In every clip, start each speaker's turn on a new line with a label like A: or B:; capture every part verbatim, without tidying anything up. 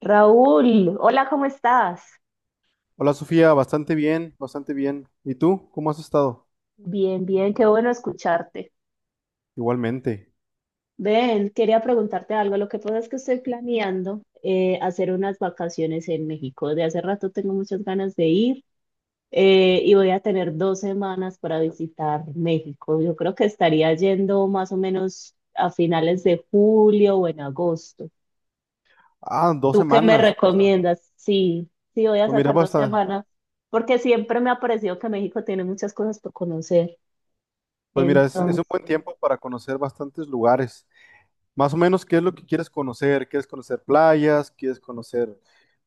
A: Raúl, hola, ¿cómo estás?
B: Hola Sofía, bastante bien, bastante bien. ¿Y tú? ¿Cómo has estado?
A: Bien, bien, qué bueno escucharte.
B: Igualmente.
A: Ven, quería preguntarte algo. Lo que pasa es que estoy planeando eh, hacer unas vacaciones en México. De hace rato tengo muchas ganas de ir eh, y voy a tener dos semanas para visitar México. Yo creo que estaría yendo más o menos a finales de julio o en agosto.
B: Ah, dos
A: ¿Tú qué me
B: semanas. Vas a-
A: recomiendas? Sí, sí, voy a
B: Pues mira,
A: sacar dos
B: basta.
A: semanas porque siempre me ha parecido que México tiene muchas cosas por conocer.
B: Pues mira, es, es un buen
A: Entonces,
B: tiempo para conocer bastantes lugares. Más o menos, ¿qué es lo que quieres conocer? ¿Quieres conocer playas? ¿Quieres conocer?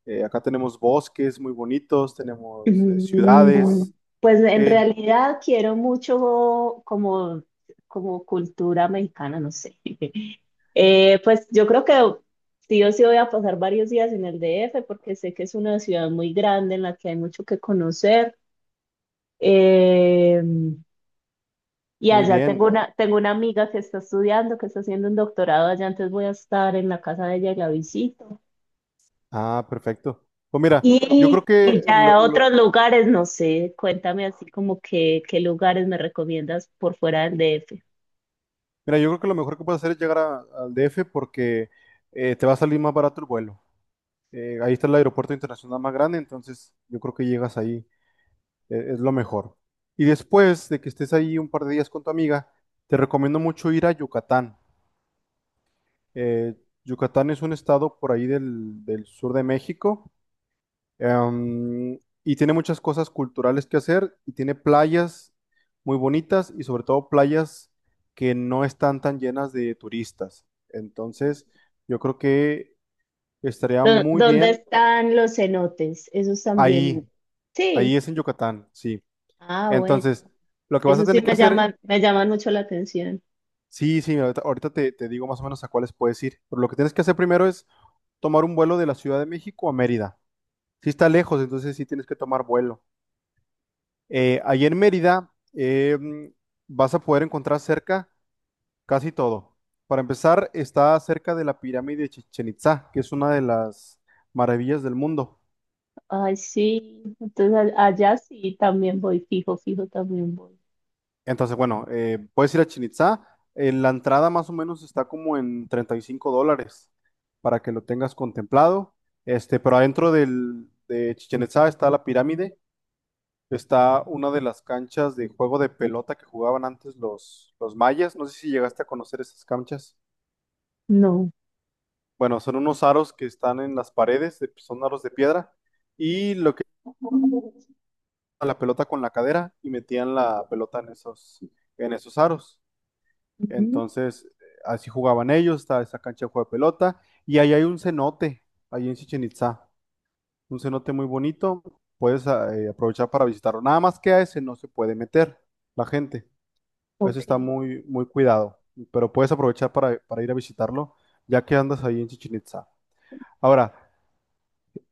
B: eh, acá tenemos bosques muy bonitos, tenemos eh,
A: mm,
B: ciudades.
A: pues en
B: ¿Qué?
A: realidad quiero mucho como, como cultura mexicana, no sé. Eh, pues yo creo que sí o sí voy a pasar varios días en el D F porque sé que es una ciudad muy grande en la que hay mucho que conocer. Eh, y
B: Muy
A: allá
B: bien.
A: tengo una, tengo una amiga que está estudiando, que está haciendo un doctorado allá, entonces voy a estar en la casa de ella y la visito.
B: Ah, perfecto. Pues mira, yo
A: Y,
B: creo que
A: y ya
B: lo,
A: a
B: lo-
A: otros lugares, no sé, cuéntame así como que, qué lugares me recomiendas por fuera del D F.
B: mira, yo creo que lo mejor que puedes hacer es llegar a- al D F porque eh, te va a salir más barato el vuelo. Eh, ahí está el aeropuerto internacional más grande, entonces yo creo que llegas ahí, eh, es lo mejor. Y después de que estés ahí un par de días con tu amiga, te recomiendo mucho ir a Yucatán. Eh, Yucatán es un estado por ahí del, del sur de México, em, y tiene muchas cosas culturales que hacer y tiene playas muy bonitas y sobre todo playas que no están tan llenas de turistas. Entonces, yo creo que estaría
A: ¿Dó-
B: muy
A: ¿Dónde
B: bien
A: están los cenotes? Esos también.
B: ahí, ahí
A: Sí.
B: es en Yucatán, sí.
A: Ah, bueno.
B: Entonces, lo que vas a
A: Esos sí
B: tener que
A: me
B: hacer,
A: llaman, me llaman mucho la atención.
B: sí, sí, ahorita, ahorita te, te digo más o menos a cuáles puedes ir, pero lo que tienes que hacer primero es tomar un vuelo de la Ciudad de México a Mérida. Si está lejos, entonces sí tienes que tomar vuelo. Eh, ahí en Mérida eh, vas a poder encontrar cerca casi todo. Para empezar, está cerca de la pirámide de Chichén Itzá, que es una de las maravillas del mundo.
A: Ay, sí. Entonces a- allá sí también voy, fijo, fijo también voy.
B: Entonces, bueno, eh, puedes ir a Chichén Itzá. Eh, la entrada más o menos está como en treinta y cinco dólares para que lo tengas contemplado. Este, pero adentro del, de Chichén Itzá está la pirámide, está una de las canchas de juego de pelota que jugaban antes los, los mayas. No sé si llegaste a conocer esas canchas.
A: No.
B: Bueno, son unos aros que están en las paredes, de- son aros de piedra, y lo que
A: Mm.
B: la pelota con la cadera y metían la pelota en esos, en esos aros. Entonces, así jugaban ellos, estaba esa cancha de juego de pelota. Y ahí hay un cenote, ahí en Chichen Itzá, un cenote muy bonito, puedes ah, eh, aprovechar para visitarlo. Nada más que a ese no se puede meter la gente, eso
A: Ok,
B: está muy, muy cuidado, pero puedes aprovechar para, para ir a visitarlo, ya que andas ahí en Chichen Itzá. Ahora,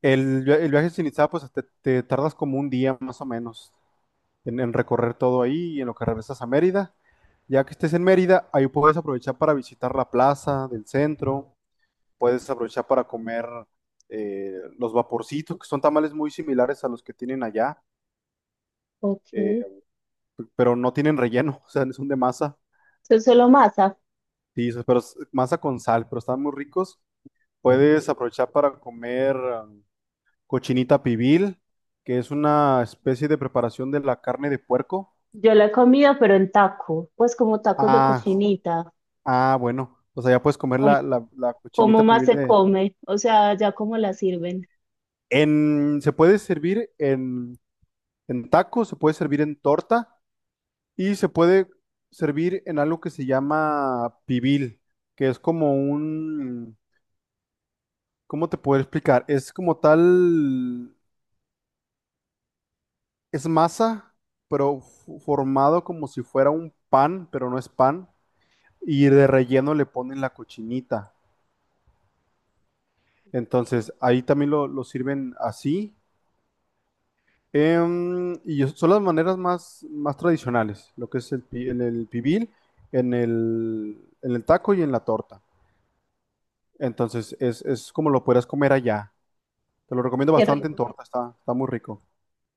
B: el, via- el viaje a Chichen Itzá, pues te, te tardas como un día más o menos, en, en recorrer todo ahí y en lo que regresas a Mérida. Ya que estés en Mérida, ahí puedes aprovechar para visitar la plaza del centro, puedes aprovechar para comer eh, los vaporcitos, que son tamales muy similares a los que tienen allá,
A: ok.
B: eh,
A: Eso
B: pero no tienen relleno, o sea, son de masa,
A: es solo masa.
B: sí, pero es masa con sal, pero están muy ricos. Puedes aprovechar para comer um, cochinita pibil, que es una especie de preparación de la carne de puerco.
A: Yo la he comido, pero en taco. Pues como tacos de
B: Ah,
A: cochinita.
B: Ah, bueno, o sea, ya puedes comer la, la, la
A: ¿Cómo
B: cochinita
A: más
B: pibil
A: se
B: de...
A: come? O sea, ya cómo la sirven.
B: En, se puede servir en, en taco, se puede servir en torta y se puede servir en algo que se llama pibil, que es como un... ¿Cómo te puedo explicar? Es como tal... Es masa, pero f- formado como si fuera un pan, pero no es pan, y de relleno le ponen la cochinita.
A: Ok.
B: Entonces, ahí también lo, lo sirven así. Em, y es- son las maneras más, más tradicionales, lo que es el, pi- en el pibil, en el, en el taco y en la torta. Entonces, es, es como lo puedas comer allá. Te lo recomiendo
A: Qué
B: bastante en
A: rico.
B: torta, está, está muy rico.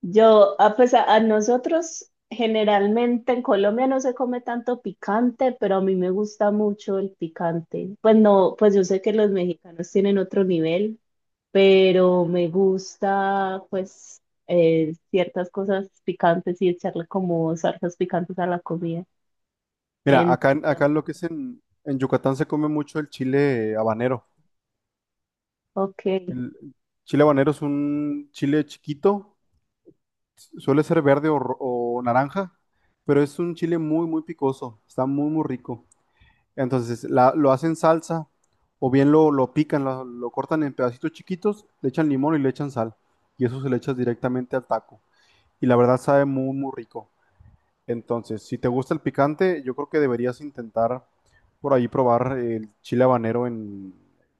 A: Yo, ah, pues a, a nosotros generalmente en Colombia no se come tanto picante, pero a mí me gusta mucho el picante. Pues no, pues yo sé que los mexicanos tienen otro nivel, pero me gusta pues eh, ciertas cosas picantes y echarle como salsas picantes a la comida.
B: Mira, acá, en- acá
A: Entonces,
B: en lo que es en, en Yucatán se come mucho el chile habanero.
A: ok,
B: El chile habanero es un chile chiquito, suele ser verde o, ro- o naranja, pero es un chile muy, muy picoso, está muy, muy rico. Entonces la- lo hacen salsa o bien lo, lo pican, lo, lo cortan en pedacitos chiquitos, le echan limón y le echan sal. Y eso se le echa directamente al taco. Y la verdad sabe muy, muy rico. Entonces, si te gusta el picante, yo creo que deberías intentar por ahí probar el chile habanero en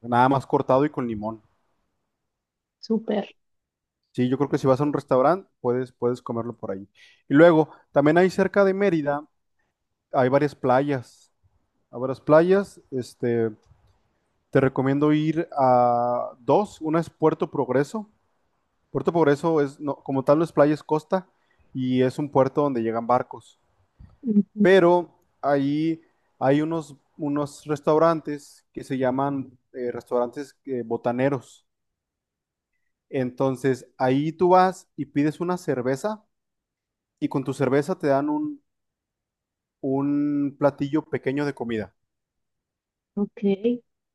B: nada más cortado y con limón.
A: súper.
B: Sí, yo creo que si vas a un restaurante, puedes, puedes comerlo por ahí. Y luego, también hay cerca de Mérida, hay varias playas. Hay varias playas. este, Te recomiendo ir a dos. Una es Puerto Progreso. Puerto Progreso es, no, como tal, no es playa, es costa y es un puerto donde llegan barcos.
A: Ujú.
B: Pero ahí hay unos, unos restaurantes que se llaman eh, restaurantes eh, botaneros. Entonces ahí tú vas y pides una cerveza y con tu cerveza te dan un, un platillo pequeño de comida.
A: Ok.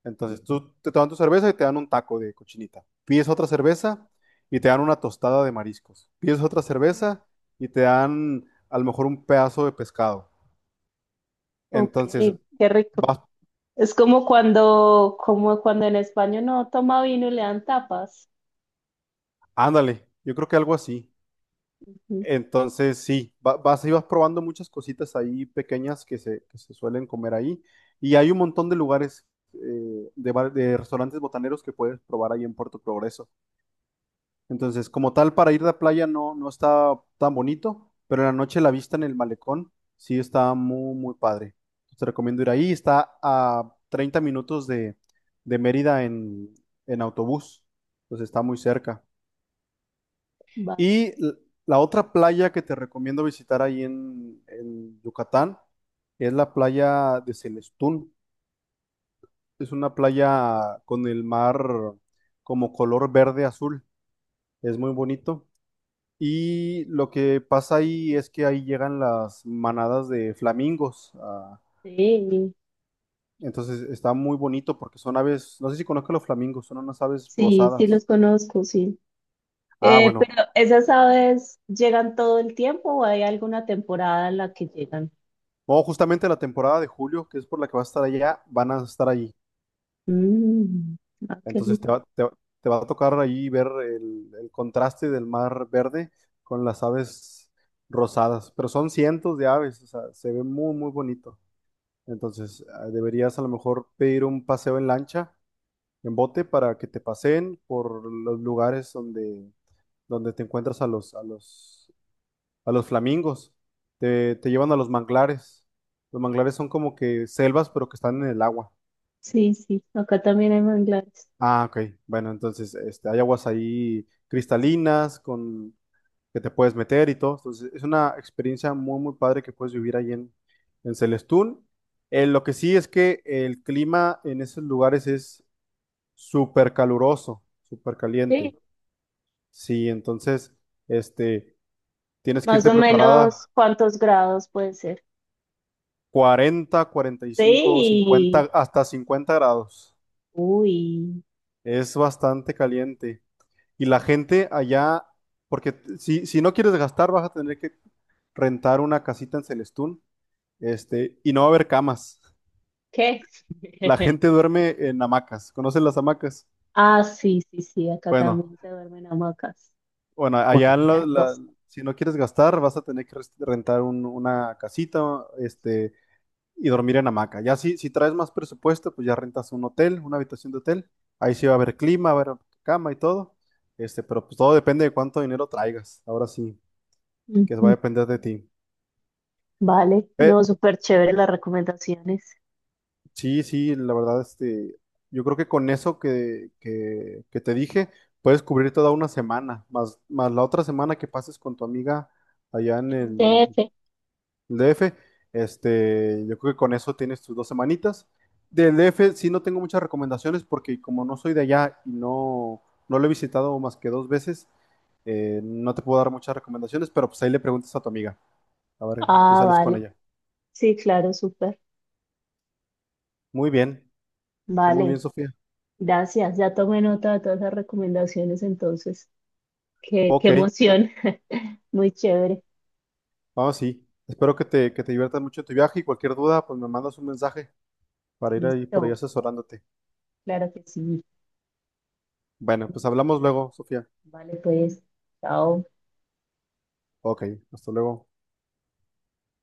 B: Entonces tú te toman tu cerveza y te dan un taco de cochinita. Pides otra cerveza y te dan una tostada de mariscos. Pides otra cerveza y te dan a lo mejor un pedazo de pescado.
A: Ok,
B: Entonces
A: qué rico.
B: vas.
A: Es como cuando, como cuando en España no toma vino y le dan tapas.
B: Ándale, yo creo que algo así.
A: Ujú.
B: Entonces sí, va- vas y vas probando muchas cositas ahí pequeñas que se, que se suelen comer ahí. Y hay un montón de lugares, eh, de, bar- de restaurantes botaneros que puedes probar ahí en Puerto Progreso. Entonces, como tal, para ir de playa no, no está tan bonito, pero en la noche la vista en el malecón sí está muy, muy padre. Te recomiendo ir ahí. Está a treinta minutos de, de Mérida en, en autobús. Entonces está muy cerca.
A: Vale.
B: Y l- la otra playa que te recomiendo visitar ahí en, en Yucatán es la playa de Celestún. Es una playa con el mar como color verde azul. Es muy bonito. Y lo que pasa ahí es que ahí llegan las manadas de flamingos. ah,
A: Sí,
B: entonces está muy bonito porque son aves, no sé si conozco los flamingos, son unas aves
A: sí, sí los
B: rosadas.
A: conozco, sí.
B: Ah,
A: Eh, pero
B: bueno.
A: esas aves llegan todo el tiempo o hay alguna temporada en la que llegan.
B: No, justamente la temporada de julio, que es por la que vas a estar allá, van a estar allí.
A: Mm, ah, qué
B: Entonces te
A: lindo.
B: va, te va- te va a tocar ahí ver el, el contraste del mar verde con las aves rosadas. Pero son cientos de aves, o sea, se ve muy, muy bonito. Entonces ah, deberías a lo mejor pedir un paseo en lancha en bote para que te paseen por los lugares donde, donde te encuentras a los, a los, a los flamingos. Te, te llevan a los manglares. Los manglares son como que selvas, pero que están en el agua.
A: Sí, sí, acá también hay manglares.
B: Ah, ok. Bueno, entonces este, hay aguas ahí cristalinas con que te puedes meter y todo. Entonces es una experiencia muy, muy padre que puedes vivir ahí en, en Celestún. Eh, lo que sí es que el clima en esos lugares es súper caluroso, súper
A: Sí,
B: caliente. Sí, entonces, este, tienes que
A: más
B: irte
A: o menos
B: preparada
A: cuántos grados puede ser.
B: cuarenta, cuarenta y cinco,
A: Sí,
B: cincuenta, hasta cincuenta grados.
A: uy,
B: Es bastante caliente. Y la gente allá, porque t- si, si no quieres gastar, vas a tener que rentar una casita en Celestún, este, y no va a haber camas.
A: ¿qué?
B: La gente duerme en hamacas. ¿Conoces las hamacas?
A: Ah, sí, sí, sí, acá
B: Bueno,
A: también se duermen hamacas.
B: bueno, allá en la-
A: Una
B: la-
A: cosa.
B: si no quieres gastar, vas a tener que res- rentar un- una casita, este y dormir en hamaca. Ya si, si traes más presupuesto, pues ya rentas un hotel, una habitación de hotel. Ahí sí va a haber clima, va a haber cama y todo. Este, pero pues todo depende de cuánto dinero traigas. Ahora sí, que va a
A: Ujú.
B: depender de ti.
A: Vale,
B: Eh,
A: no, súper chévere las recomendaciones.
B: sí, sí, la verdad, este, yo creo que con eso que, que, que te dije, puedes cubrir toda una semana, más, más la otra semana que pases con tu amiga allá en
A: En
B: el
A: D F.
B: el D F. Este, yo creo que con eso tienes tus dos semanitas. Del D F sí no tengo muchas recomendaciones porque como no soy de allá y no, no lo he visitado más que dos veces, eh, no te puedo dar muchas recomendaciones, pero pues ahí le preguntas a tu amiga. A ver, tú
A: Ah,
B: sales con
A: vale,
B: ella.
A: sí, claro, súper.
B: Muy bien, muy
A: Vale,
B: bien, Sofía.
A: gracias. Ya tomé nota de todas las recomendaciones entonces. Qué, qué
B: Ok,
A: emoción. Muy chévere.
B: vamos sí. Espero que te, que te diviertas mucho en tu viaje y cualquier duda, pues me mandas un mensaje para ir ahí por ahí
A: Listo,
B: asesorándote.
A: claro que sí.
B: Bueno, pues hablamos
A: Gracias.
B: luego, Sofía.
A: Vale, pues, chao.
B: Ok, hasta luego.